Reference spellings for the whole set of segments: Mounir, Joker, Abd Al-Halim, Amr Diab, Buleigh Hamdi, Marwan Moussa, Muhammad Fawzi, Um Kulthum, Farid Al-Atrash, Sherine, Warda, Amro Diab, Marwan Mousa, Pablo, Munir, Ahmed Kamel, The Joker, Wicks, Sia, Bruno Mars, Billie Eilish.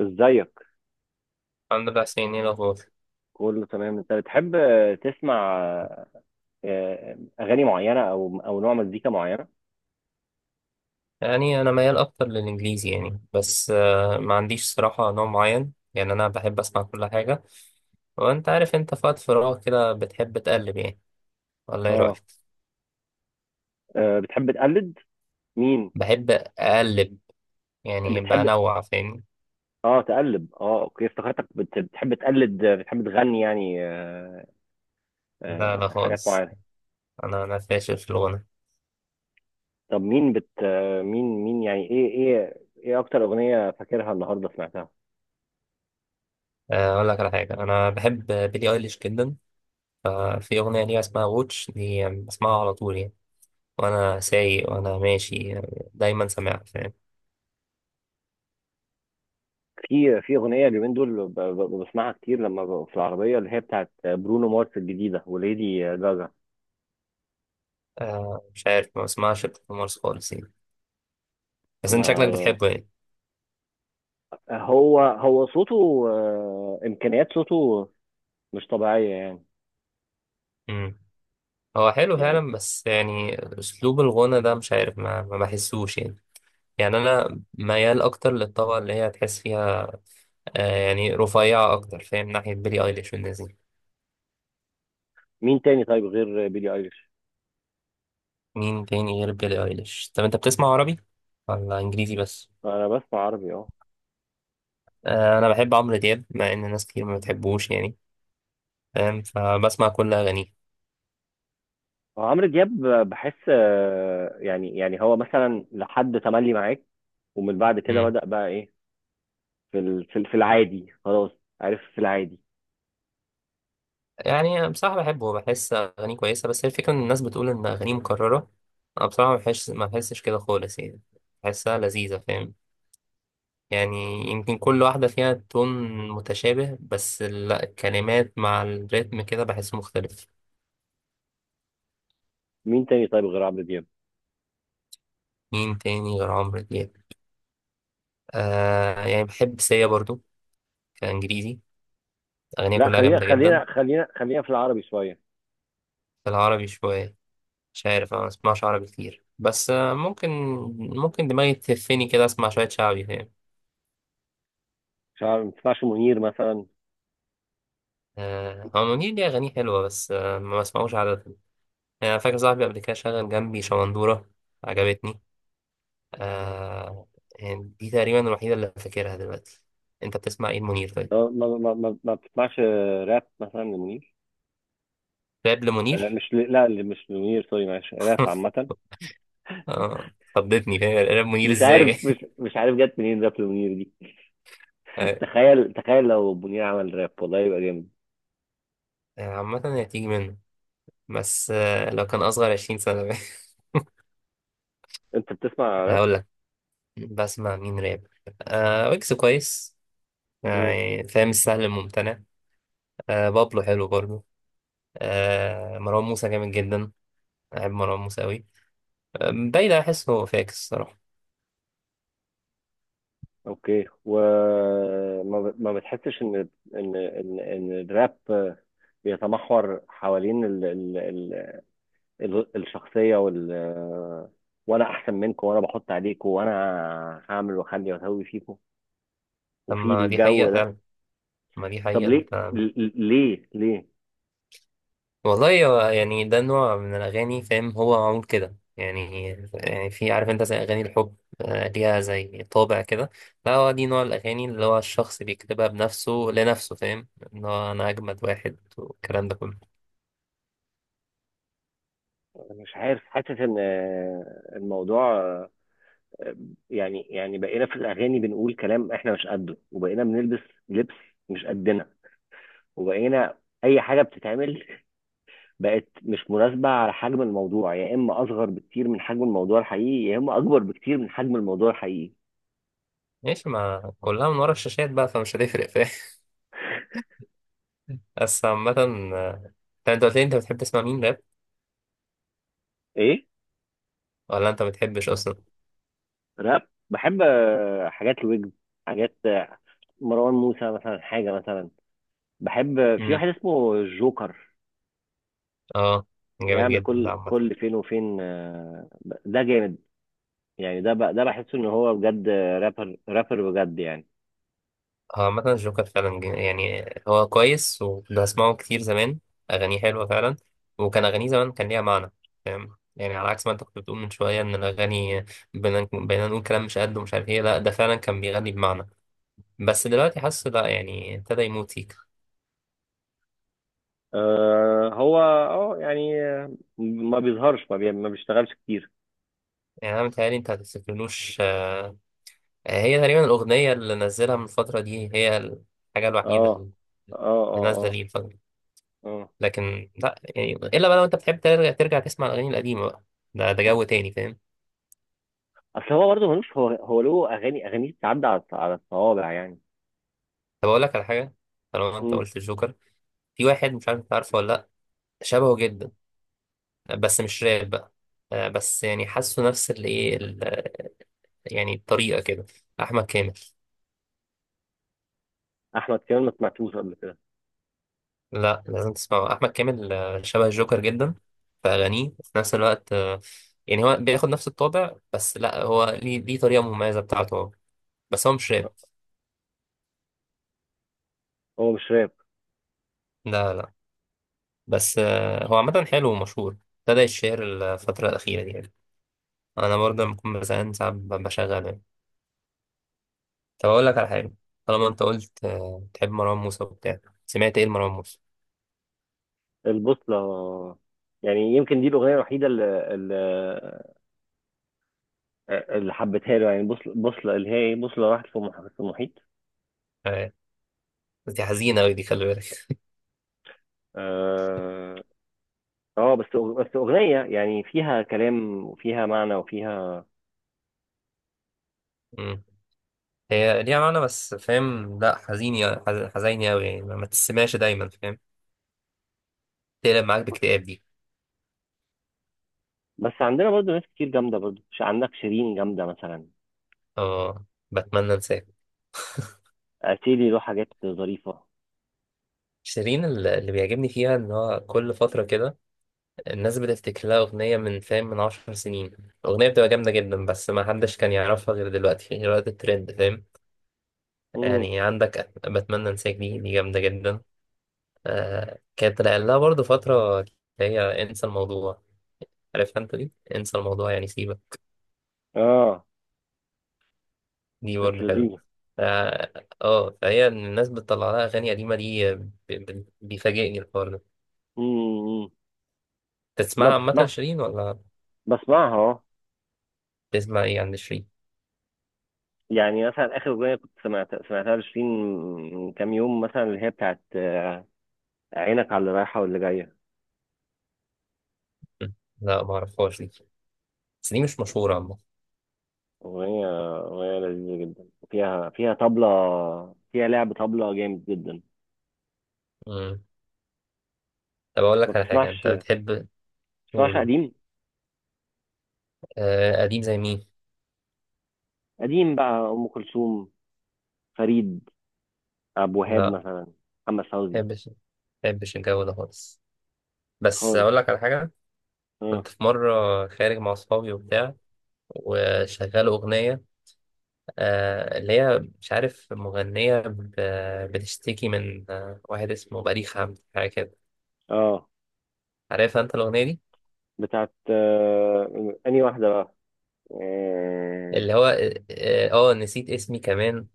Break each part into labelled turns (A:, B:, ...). A: ازيك؟
B: عن 4 سنين إيه الأخبار؟
A: كله تمام. انت بتحب تسمع اغاني معينه او نوع مزيكا معينه؟
B: يعني أنا ميال أكتر للإنجليزي يعني بس ما عنديش صراحة نوع معين يعني أنا بحب أسمع كل حاجة. وأنت عارف أنت في وقت فراغ كده بتحب تقلب يعني. والله إيه
A: اه.
B: رأيك؟
A: بتحب تقلد مين؟
B: بحب أقلب يعني
A: بتحب،
B: بنوع فاهمني؟
A: اه تقلب، اه، اوكي، افتكرتك بتحب تقلد، بتحب تغني يعني،
B: لا لا
A: حاجات
B: خالص.
A: معينه.
B: أنا فاشل في الغنى.
A: طب مين بت آه، مين يعني، ايه اكتر اغنيه فاكرها النهارده سمعتها؟
B: أقول لك على حاجة أنا بحب بيلي أيليش جدا. ففي أغنية ليها اسمها ووتش دي بسمعها على طول يعني، وأنا سايق وأنا ماشي يعني دايما سامعها فاهم؟
A: في اغنيه اليومين دول بسمعها كتير لما ببقى في العربيه، اللي هي بتاعت برونو مارس الجديده، وليدي جاجا.
B: مش عارف ما بسمعش الحمص خالص يعني. بس انت شكلك
A: ده
B: بتحبه يعني.
A: هو هو صوته، امكانيات صوته مش طبيعيه يعني.
B: امم هو حلو
A: يعني
B: فعلا بس يعني اسلوب الغنى ده مش عارف ما بحسوش يعني. يعني انا ميال اكتر للطبقه اللي هي تحس فيها. يعني رفيعه اكتر فاهم ناحيه بيلي ايليش والناس دي.
A: مين تاني طيب غير بيلي ايليش؟
B: مين تاني غير بيلي ايليش؟ طب انت بتسمع عربي ولا انجليزي بس؟
A: انا بسمع عربي، اه.
B: انا بحب عمرو دياب مع ان ناس كتير ما بتحبوش يعني فاهم، فبسمع كل اغانيه.
A: هو عمرو دياب، بحس يعني هو مثلا لحد تملي معاك، ومن بعد كده بدأ بقى ايه، في في العادي خلاص. عارف، في العادي.
B: يعني بصراحة بحبه، بحس أغانيه كويسة، بس هي الفكرة إن الناس بتقول إن أغانيه مكررة. أنا بصراحة ما بحسش كده خالص يعني. بحسها لذيذة فاهم؟ يعني يمكن كل واحدة فيها تون متشابه، بس لا الكلمات مع الريتم كده بحسه مختلف.
A: مين تاني طيب غير عمرو دياب؟
B: مين تاني غير عمرو دياب؟ يعني بحب سيا برضو كإنجليزي. أغانيها
A: لا،
B: كلها
A: خلينا
B: جامدة جدا.
A: خلينا خلينا خلينا في العربي شوية.
B: في العربي شوية؟ مش عارف أنا ما بسمعش عربي كتير بس ممكن دماغي تهفني كده أسمع شوية شعبي فاهم.
A: مش عارف، ما بتسمعش منير مثلا؟
B: هو منير ليه أغانيه حلوة بس ما بسمعوش عادة يعني. أنا فاكر صاحبي قبل كده شغل جنبي شمندورة، عجبتني. آه يعني دي تقريبا الوحيدة اللي فاكرها دلوقتي. أنت بتسمع إيه منير طيب؟
A: ما بتسمعش راب مثلا لمنير؟
B: راب لمنير؟
A: مش ل... لا اللي مش لمنير، سوري معلش، راب عامة.
B: خضتني فاهم راب منير
A: مش
B: إزاي؟
A: عارف، مش عارف جت منين راب منير دي.
B: آه،
A: تخيل تخيل لو منير عمل راب والله يبقى جامد.
B: عامة هي تيجي منه. بس لو كان أصغر 20 سنة.
A: انت بتسمع راب؟
B: هقول لك. بسمع مين راب؟ ويكس كويس.
A: مم.
B: يعني فاهم السهل الممتنع. بابلو حلو برضه. مروان موسى جامد جدا. بحب مروان موسى أوي. بايدة أحس هو فاكس الصراحة.
A: اوكي، ما بتحسش ان إن الراب، بيتمحور حوالين الشخصية وال آه، وانا احسن منكم، وانا بحط عليكم، وانا هعمل واخلي واسوي فيكم، وفي
B: أما دي
A: الجو
B: حقيقة
A: ده.
B: فعلا. أما دي
A: طب
B: حقيقة
A: ليه
B: أنت.
A: ليه؟
B: والله هو يعني ده نوع من الأغاني فاهم، هو معمول كده يعني. يعني في عارف أنت زي أغاني الحب، ليها زي طابع كده. لا هو دي نوع الأغاني اللي هو الشخص بيكتبها بنفسه لنفسه فاهم، إن هو أنا أجمد واحد والكلام ده كله.
A: مش عارف، حاسس ان الموضوع، يعني بقينا في الاغاني بنقول كلام احنا مش قده، وبقينا بنلبس لبس مش قدنا، وبقينا اي حاجه بتتعمل بقت مش مناسبه على حجم الموضوع، يا اما اصغر بكتير من حجم الموضوع الحقيقي، يا اما اكبر بكتير من حجم الموضوع الحقيقي.
B: ماشي ما كلها من ورا الشاشات بقى فمش هتفرق فاهم. بس عامة. آه، طب أنت قلت لي أنت بتحب تسمع مين راب؟
A: ايه؟
B: ولا أنت بتحبش أصلا؟
A: راب، بحب حاجات الويجز، حاجات، مروان موسى مثلا، حاجه مثلا، بحب في واحد اسمه جوكر،
B: اه جامد
A: بيعمل
B: جدا ده
A: كل
B: عامة.
A: كل فين وفين. ده جامد، يعني ده بقى، ده بحس ان هو بجد رابر رابر بجد يعني.
B: اه عامة الجوكر فعلا يعني هو كويس وكنت بسمعه كتير زمان. أغانيه حلوة فعلا. وكان أغانيه زمان كان ليها معنى فاهم، يعني على عكس ما أنت كنت بتقول من شوية إن الأغاني بقينا نقول كلام مش قد ومش عارف إيه. لا ده فعلا كان بيغني بمعنى. بس دلوقتي حاسه لا يعني ابتدى يموت سيكا
A: آه، هو يعني، ما بيظهرش، ما بيشتغلش كتير.
B: يعني. أنا متهيألي أنت هتفتكرلوش. هي تقريبا الأغنية اللي نزلها من الفترة دي، هي الحاجة الوحيدة
A: اه،
B: اللي
A: اه، اه،
B: نازلة
A: اه،
B: ليه الفترة.
A: اه.
B: لكن لا يعني الا بقى لو انت بتحب ترجع تسمع الاغاني القديمه بقى. ده جو تاني فاهم.
A: اصل هو برضه ملوش، هو هو له اغاني بتعدي على الصوابع يعني.
B: طب اقول لك على حاجه. طالما انت
A: امم.
B: قلت الجوكر، في واحد مش عارف انت عارفه ولا لا، شبهه جدا بس مش راب بقى. بس يعني حاسه نفس الايه يعني الطريقه كده. احمد كامل.
A: احمد كمان ما سمعتوش قبل كده.
B: لا لازم تسمعه، احمد كامل شبه الجوكر جدا في اغانيه. وفي نفس الوقت يعني هو بياخد نفس الطابع، بس لا هو ليه طريقه مميزه بتاعته هو. بس هو مش راب.
A: هو مش راب.
B: لا لا. بس هو عامة حلو ومشهور، ابتدى يتشهر الفترة الأخيرة دي يعني. أنا برضه لما بكون بزهقان ساعات بشغله يعني. طب أقول لك على حاجة، طالما أنت قلت بتحب مروان موسى وبتاع، سمعت إيه لمروان موسى؟
A: البوصلة. يعني يمكن دي الأغنية الوحيدة اللي حبيتها له، يعني بوصلة، بوصلة اللي هي إيه؟ بوصلة راحت في في المحيط.
B: آه، بس دي حزينة أوي، دي خلي بالك.
A: آه. اه، بس اغنيه يعني فيها كلام وفيها معنى وفيها.
B: مم. هي ليها معنى بس فاهم، لأ حزينة. حزينة أوي يعني ما تسمعش دايما فاهم، تقلب معاك باكتئاب دي.
A: بس عندنا برضو ناس كتير جامده، برضو عندك شيرين جامده مثلا.
B: أه بتمنى أنساك.
A: اتيلي له حاجات ظريفه.
B: شيرين اللي بيعجبني فيها إن هو كل فترة كده الناس بتفتكر لها أغنية من فاهم من 10 سنين، الأغنية بتبقى جامدة جدا، بس ما حدش كان يعرفها غير دلوقتي غير وقت الترند فاهم.
A: امم.
B: يعني عندك بتمنى أنساك، دي جامدة جدا. كانت رقل لها برضه فترة، اللي هي انسى الموضوع. عارفها أنت دي؟ انسى الموضوع يعني سيبك.
A: اه.
B: دي
A: كانت
B: برضه حلوة.
A: لذيذه.
B: اه. فهي الناس بتطلع لها أغاني قديمة دي بيفاجئني الحوار ده.
A: امم. ما
B: تسمعها عامة
A: بتسمعش.
B: شيرين ولا؟
A: بسمعها، اه.
B: بتسمع إيه عند شيرين؟
A: يعني مثلا اخر اغنيه كنت سمعتها لشيرين من كام يوم مثلا، اللي هي بتاعت عينك على اللي رايحه واللي جايه.
B: م. لا معرفهاش دي، بس دي مش مشهورة
A: اغنيه، لذيذه جدا، فيها طبله، فيها لعب طبله جامد جدا.
B: عامة. طب أقول
A: ما
B: لك على حاجة
A: بتسمعش
B: أنت
A: ما
B: بتحب
A: بتسمعش
B: تقوله.
A: قديم؟
B: آه قديم زي مين؟
A: قديم بقى، ام كلثوم، فريد، ابو
B: لا
A: وهاب
B: ما
A: مثلا، محمد فوزي.
B: بحبش ما بحبش الجو ده خالص. بس
A: خالص.
B: أقول لك على حاجة.
A: اه،
B: كنت في مرة خارج مع أصحابي وبتاع، وشغال أغنية اللي هي مش عارف مغنية بتشتكي من واحد اسمه بليغ حمدي حاجة كده.
A: اه.
B: عارف أنت الأغنية دي؟
A: بتاعت انهي واحده بقى؟ اه،
B: اللي هو نسيت اسمي كمان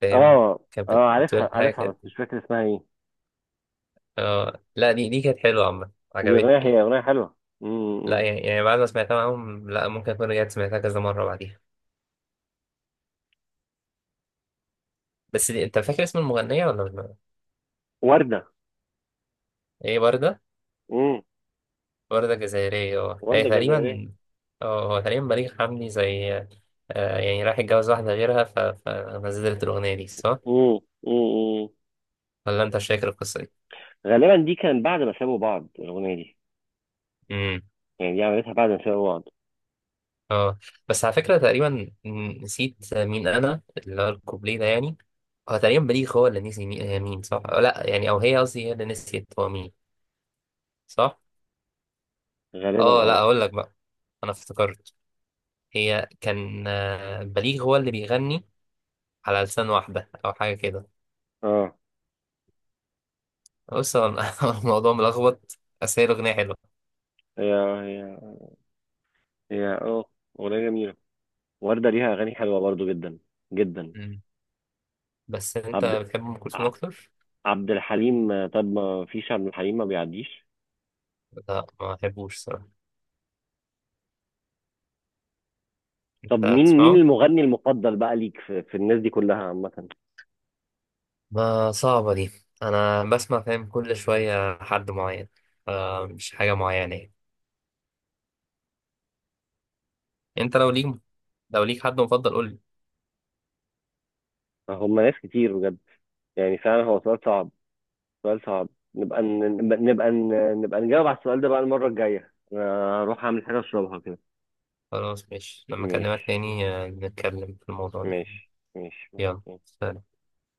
B: فاهم؟
A: اه،
B: كانت
A: عارفها
B: بتقول حاجة
A: عارفها بس
B: كده.
A: مش فاكر اسمها ايه.
B: لا دي كانت حلوة عامة
A: دي
B: عجبتني
A: اغنيه،
B: يعني.
A: هي اغنيه حلوه. مم،
B: لا
A: مم.
B: يعني بعد ما سمعتها معاهم، لا ممكن أكون رجعت سمعتها كذا مرة بعديها. بس دي أنت فاكر اسم المغنية ولا لا؟
A: ورده.
B: هي وردة.
A: مم.
B: وردة جزائرية اه هي
A: ورده جزائريه.
B: تقريبا. اه هو تقريبا بليغ حمدي زي يعني راح يتجوز واحدة غيرها فنزلت الأغنية دي صح؟
A: مم، مم، مم.
B: ولا أنت مش فاكر القصة دي؟
A: غالبا دي كانت بعد ما سابوا بعض الاغنيه دي،
B: امم
A: يعني دي عملتها بعد ما سابوا بعض،
B: اه بس على فكرة تقريبا، نسيت مين أنا اللي هو الكوبليه ده يعني. هو تقريبا بليغ هو اللي نسي مين هي، مين صح؟ أو لا يعني، أو هي قصدي هي اللي نسيت هو مين، صح؟
A: غالبا،
B: اه لا
A: اه.
B: أقول لك بقى، أنا افتكرت. هي كان بليغ هو اللي بيغني على لسان واحدة أو حاجة كده.
A: اه،
B: بص هو الموضوع ملخبط، بس هي الأغنية حلوة.
A: هي هي هي اه اغنيه جميله. وردة ليها أغاني حلوة برضو جدا، جدا.
B: مم. بس أنت
A: عبد
B: بتحب أم كلثوم
A: ع-
B: أكتر؟
A: عبد الحليم. طب ما فيش عبد الحليم ما بيعديش.
B: لا ما بحبوش صراحة.
A: طب
B: أنت
A: مين
B: تسمعه؟
A: المغني المفضل بقى ليك في الناس دي كلها عامة؟
B: ما صعبة دي. أنا بسمع فاهم كل شوية حد معين. مش حاجة معينة يعني. أنت لو ليك حد مفضل قولي.
A: هم ناس كتير بجد. يعني فعلا هو سؤال صعب، سؤال صعب. نبقى نبقى نجاوب على السؤال ده بقى المرة الجاية، أنا هروح أعمل حاجة أشربها كده.
B: خلاص ماشي، لما أكلمك
A: ماشي،
B: تاني نتكلم في الموضوع ده.
A: ماشي، ماشي.
B: يلا سلام.